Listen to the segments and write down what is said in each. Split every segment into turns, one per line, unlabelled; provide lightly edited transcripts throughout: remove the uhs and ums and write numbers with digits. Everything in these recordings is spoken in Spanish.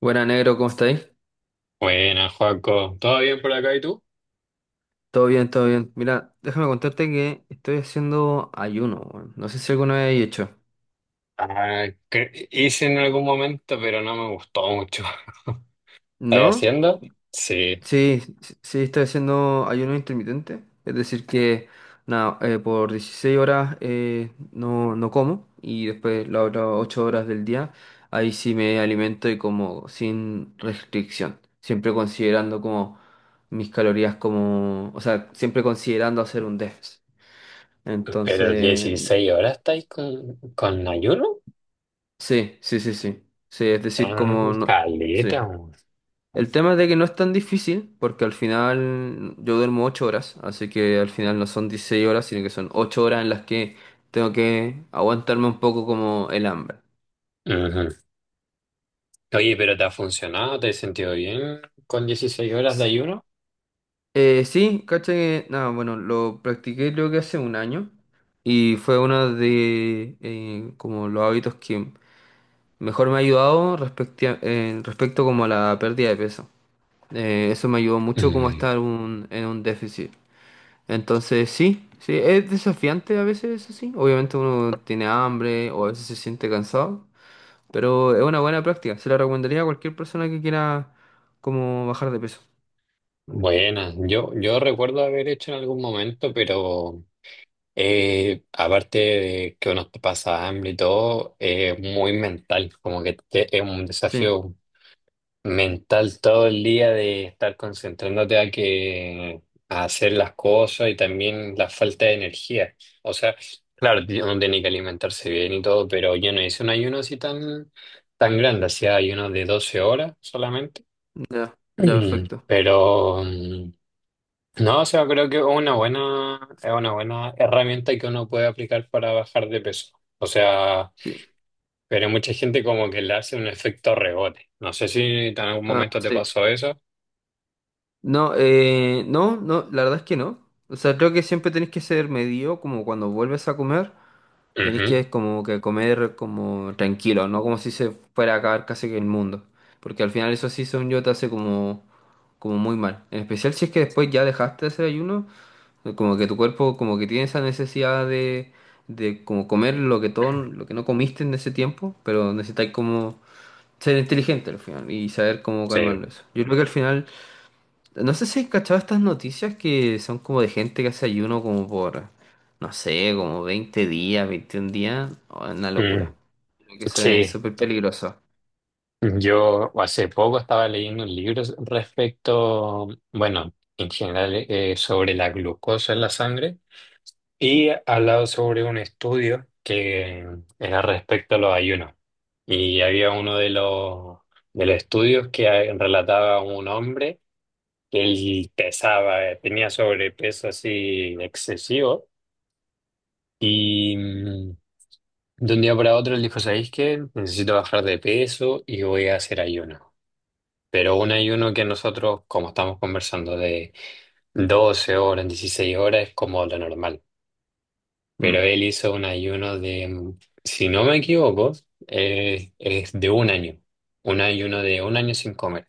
Buena, negro, ¿cómo estáis?
Buenas, Joaco. ¿Todo bien por acá y tú?
Todo bien, todo bien. Mira, déjame contarte que estoy haciendo ayuno, weón. No sé si alguna vez he hecho.
Ah, hice en algún momento, pero no me gustó mucho. ¿Estáis
¿No?
haciendo? Sí.
Sí, sí, sí, estoy haciendo ayuno intermitente. Es decir, que nada, por 16 horas no como, y después las otras 8 horas del día, ahí sí me alimento y como sin restricción. Siempre considerando como mis calorías, como, o sea, siempre considerando hacer un déficit.
¿Pero
Entonces,
16 horas estáis con ayuno?
sí, sí, sí, sí. Sí, es decir,
Ah,
como no... Sí.
caleta. Weón.
El tema es de que no es tan difícil, porque al final yo duermo 8 horas, así que al final no son 16 horas, sino que son 8 horas en las que tengo que aguantarme un poco como el hambre.
Ujú. Oye, ¿pero te ha funcionado? ¿Te has sentido bien con 16 horas de
Sí,
ayuno?
sí, caché que... Nada, bueno, lo practiqué creo que hace un año, y fue uno de como los hábitos que mejor me ha ayudado respecto como a la pérdida de peso. Eso me ayudó mucho como a
Mm,
estar en un déficit. Entonces, sí, sí, es desafiante a veces, eso sí. Obviamente uno tiene hambre o a veces se siente cansado, pero es una buena práctica. Se la recomendaría a cualquier persona que quiera como bajar de peso.
buena. Yo recuerdo haber hecho en algún momento, pero aparte de que uno te pasa hambre y todo, es muy mental, como que es un
Sí,
desafío mental todo el día de estar concentrándote a que a hacer las cosas y también la falta de energía. O sea, claro, uno tiene que alimentarse bien y todo, pero yo no hice un ayuno así tan grande, hacía ayuno de 12 horas solamente.
ya, ya, perfecto.
Pero no, o sea, creo que es es una buena herramienta que uno puede aplicar para bajar de peso. O sea,
Sí,
pero mucha gente como que le hace un efecto rebote. No sé si en algún
ah,
momento te
sí.
pasó eso.
No, no, no, la verdad es que no. O sea, creo que siempre tenés que ser medido como cuando vuelves a comer. Tenéis
Ujú.
que como que comer como tranquilo, no como si se fuera a acabar casi que el mundo. Porque al final eso sí, según yo, te hace como, como muy mal. En especial si es que después ya dejaste de hacer ayuno, como que tu cuerpo como que tiene esa necesidad de como comer lo que todo, lo que no comiste en ese tiempo, pero necesitáis como ser inteligente al final y saber cómo
Sí.
calmarlo eso. Yo creo que al final no sé si has cachado estas noticias que son como de gente que hace ayuno como por, no sé, como 20 días, 21 días. Oh, es una locura.
Mm,
Creo que eso es
sí.
súper peligroso.
Yo hace poco estaba leyendo un libro respecto, bueno, en general, sobre la glucosa en la sangre. Y hablado sobre un estudio que era respecto a los ayunos. Y había de los estudios que relataba un hombre que él pesaba, tenía sobrepeso así excesivo. Y mm, de un día para otro él dijo, ¿sabéis qué? Necesito bajar de peso y voy a hacer ayuno. Pero un ayuno que nosotros, como estamos conversando, de 12 horas, 16 horas, es como lo normal. Pero
Mm.
él hizo un ayuno de, si no me equivoco, es de un año. Un ayuno de un año sin comer.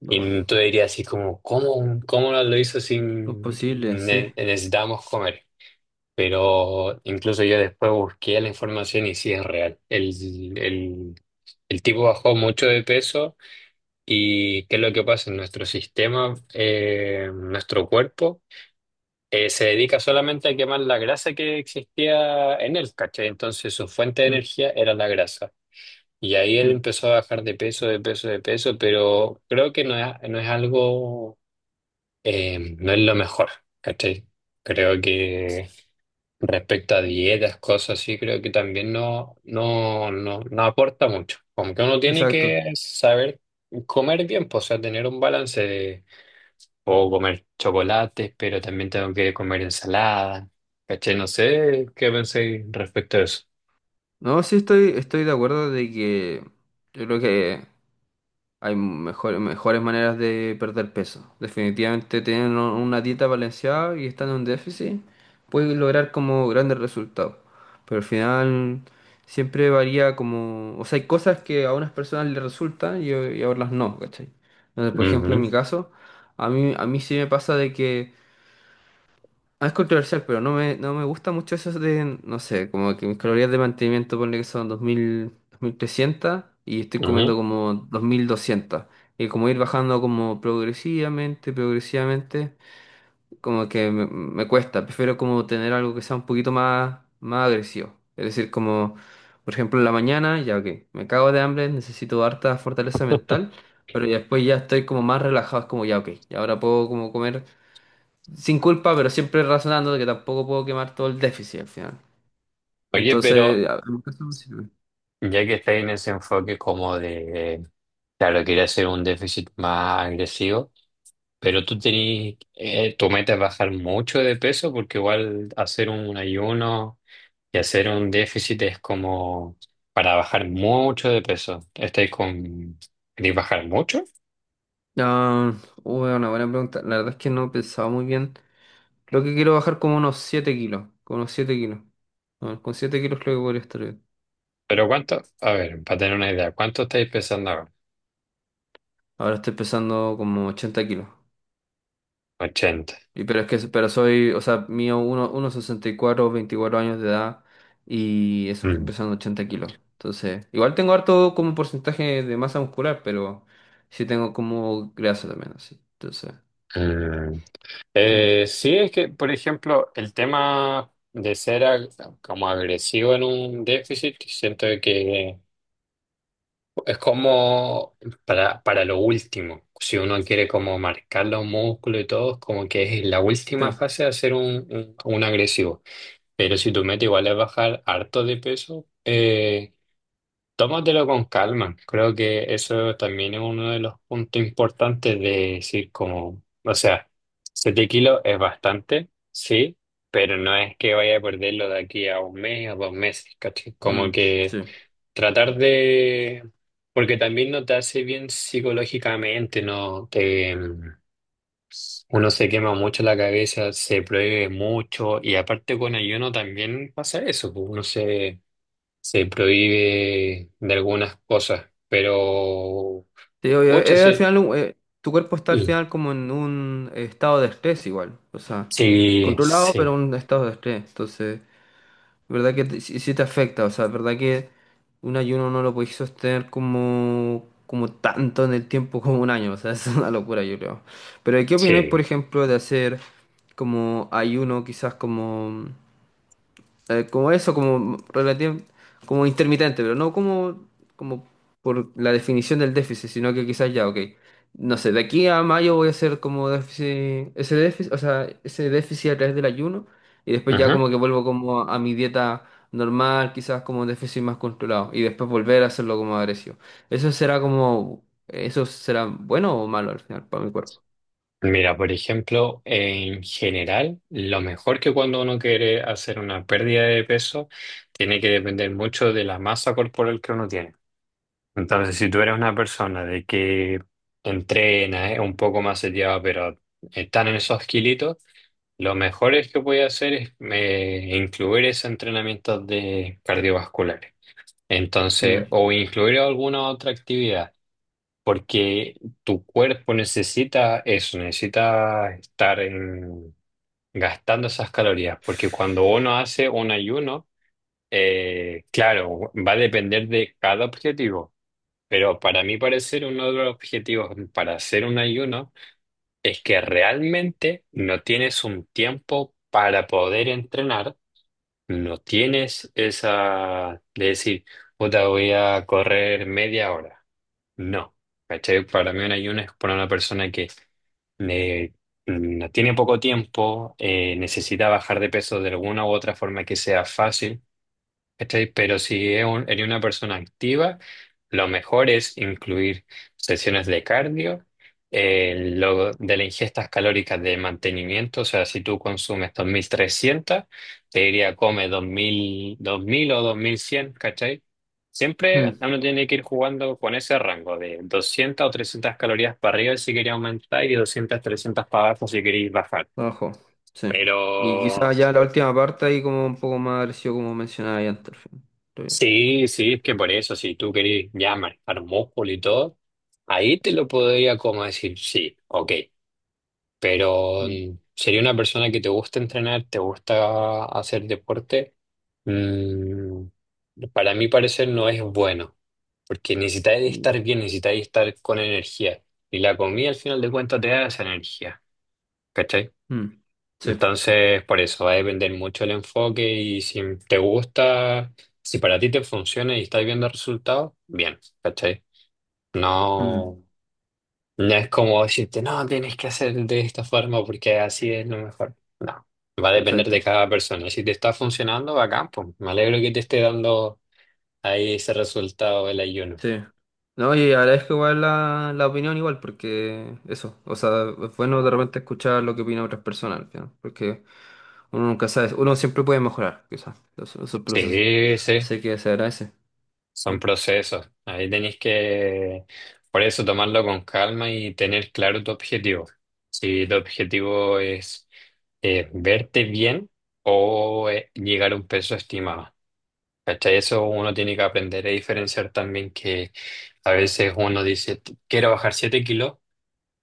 No,
Y tú dirías así como, ¿cómo, cómo lo hizo
no es
sin
posible, sí.
necesitamos comer? Pero incluso yo después busqué la información y sí es real. El, el tipo bajó mucho de peso. ¿Y qué es lo que pasa en nuestro sistema, nuestro cuerpo? Eh, se dedica solamente a quemar la grasa que existía en él, ¿cachai? Entonces su fuente de
Mm,
energía era la grasa. Y ahí él
mm.
empezó a bajar de peso, de peso, de peso, pero creo que no es algo, no es lo mejor, ¿cachai? Creo que respecto a dietas, cosas así, creo que también no aporta mucho. Como que uno tiene
Exacto.
que saber comer bien, pues, o sea, tener un balance. Puedo comer chocolates, pero también tengo que comer ensalada. ¿Caché? No sé qué pensé respecto a eso.
No, sí estoy de acuerdo de que yo creo que hay mejores, mejores maneras de perder peso. Definitivamente tener una dieta balanceada y estar en un déficit puede lograr como grandes resultados. Pero al final siempre varía como... O sea, hay cosas que a unas personas les resultan, y a otras no, ¿cachai? Entonces, por ejemplo, en
Ujú,
mi caso, a mí sí me pasa de que ah, es controversial, pero no me, no me gusta mucho eso de, no sé, como que mis calorías de mantenimiento, ponle que son 2000, 2300, y estoy comiendo
ujú.
como 2200. Y como ir bajando como progresivamente, progresivamente, como que me cuesta. Prefiero como tener algo que sea un poquito más, más agresivo. Es decir, como, por ejemplo, en la mañana, ya que me cago de hambre, necesito harta fortaleza mental, pero ya después ya estoy como más relajado, es como ya, ok, y ahora puedo como comer sin culpa, pero siempre razonando de que tampoco puedo quemar todo el déficit al final.
Oye, pero
Entonces, en mi caso me sirve.
ya que estáis en ese enfoque como de, claro, quería hacer un déficit más agresivo, pero tú tenés, tu meta es bajar mucho de peso porque igual hacer un ayuno y hacer un déficit es como para bajar mucho de peso. ¿Estáis con, queréis bajar mucho?
Ah, uy, una buena pregunta. La verdad es que no he pensado muy bien. Creo que quiero bajar como unos 7 kilos. Como unos 7 kilos. Ah, con 7 kilos creo que podría estar bien.
Pero cuánto, a ver, para tener una idea, ¿cuánto estáis pesando ahora?
Ahora estoy pesando como 80 kilos.
80.
Y pero es que, pero soy, o sea, mío uno, 1,64, 24 años de edad, y eso,
Mm,
empezando 80 kilos. Entonces, igual tengo harto como porcentaje de masa muscular, pero sí tengo como grasa también, así. Entonces,
mm.
mm,
Sí, es que, por ejemplo, el tema de ser como agresivo en un déficit, siento que es como para lo último. Si uno quiere como marcar los músculos y todo, es como que es la
sí,
última fase de hacer un agresivo. Pero si tu meta igual es bajar harto de peso, tómatelo con calma. Creo que eso también es uno de los puntos importantes de decir como, o sea, 7 kilos es bastante, sí, pero no es que vaya a perderlo de aquí a un mes, a dos meses, ¿cachai? Como
mm,
que
sí.
tratar de... Porque también no te hace bien psicológicamente, ¿no? Te, uno se quema mucho la cabeza, se prohíbe mucho y aparte con ayuno también pasa eso, pues uno se prohíbe de algunas cosas, pero
Sí, obvio,
ocha,
al
sí.
final, tu cuerpo está al
Mm.
final como en un estado de estrés igual, o sea,
Sí,
controlado,
sí,
pero un estado de estrés. Entonces, ¿verdad que sí, sí te afecta? O sea, ¿verdad que un ayuno no lo podéis sostener como, como tanto en el tiempo como un año? O sea, es una locura, yo creo. Pero ¿qué opináis,
sí.
por ejemplo, de hacer como ayuno, quizás como como eso, como intermitente, pero no como, como por la definición del déficit, sino que quizás ya, ok, no sé, de aquí a mayo voy a hacer como déficit, ese déficit, o sea, ese déficit a través del ayuno, y después ya
Ajá.
como que vuelvo como a, mi dieta normal, quizás como un déficit más controlado, y después volver a hacerlo como agresivo. Eso será como, eso será bueno o malo al final para mi cuerpo.
Mira, por ejemplo, en general, lo mejor que cuando uno quiere hacer una pérdida de peso, tiene que depender mucho de la masa corporal que uno tiene. Entonces, si tú eres una persona de que entrena, es un poco más sellada, pero están en esos kilitos, lo mejor es que voy a hacer es incluir esos entrenamientos de cardiovasculares. Entonces,
Mm.
o incluir alguna otra actividad, porque tu cuerpo necesita eso, necesita gastando esas calorías, porque cuando uno hace un ayuno, claro, va a depender de cada objetivo, pero para mí parecer uno de los objetivos para hacer un ayuno es que realmente no tienes un tiempo para poder entrenar, no tienes esa de decir, puta, voy a correr media hora. No, ¿cachai? Para mí un ayuno es para una persona que eh, no tiene poco tiempo, necesita bajar de peso de alguna u otra forma que sea fácil. ¿Cachai? Pero si es eres una persona activa, lo mejor es incluir sesiones de cardio, lo de las ingestas calóricas de mantenimiento, o sea, si tú consumes 2300, te diría come 2000 o 2100, ¿cachai? Siempre
Mm.
uno tiene que ir jugando con ese rango de 200 o 300 calorías para arriba si quería aumentar y 200 300 para abajo si queréis bajar.
Abajo, sí. Y
Pero
quizás ya la última parte ahí como un poco más agresivo como mencionaba ahí antes. Estoy-
sí, sí, es que por eso, si tú querés ya manejar músculo y todo, ahí te lo podría como decir, sí, ok, pero
mm.
mm, sería una persona que te gusta entrenar, te gusta hacer deporte, mm, para mi parecer no es bueno, porque necesitas
Mm,
estar bien, necesitas estar con energía, y la comida al final de cuentas te da esa energía, ¿cachai?
mm, sí,
Entonces, por eso va a depender mucho el enfoque y si te gusta, si para ti te funciona y estás viendo resultados, bien, ¿cachai?
mm,
No, no es como decirte, no, tienes que hacer de esta forma porque así es lo mejor. No, va a depender
perfecto,
de cada persona. Si te está funcionando, bacán, pues me alegro que te esté dando ahí ese resultado del ayuno.
sí. No, y agradezco igual la opinión igual, porque eso, o sea, es bueno de repente escuchar lo que opinan otras personas, al final, porque uno nunca sabe, uno siempre puede mejorar, quizás, esos procesos.
Sí, sí.
Sé que se agradece.
Son
Mm,
procesos. Ahí tenéis que, por eso, tomarlo con calma y tener claro tu objetivo. Si tu objetivo es verte bien o llegar a un peso estimado. ¿Cachai? Eso uno tiene que aprender a diferenciar también que a veces uno dice, quiero bajar 7 kilos",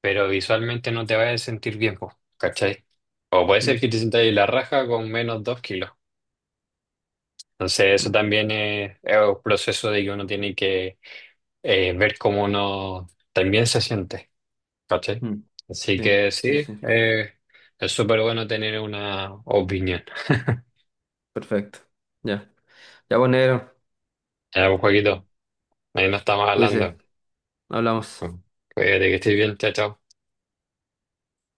pero visualmente no te vas a sentir bien, po, ¿cachai? O puede ser
mm,
que te sientas ahí la raja con menos 2 kilos. Entonces, eso
mm,
también es un proceso de que uno tiene que ver cómo uno también se siente, ¿cachai?
mm.
Así
Sí,
que
sí,
sí,
sí,
es súper bueno tener una opinión.
perfecto. Ya, ya, pues negro,
Ya, pues, Joaquito, ahí nos estamos hablando.
cuídese, hablamos.
Cuídate que estés bien, chao, chao.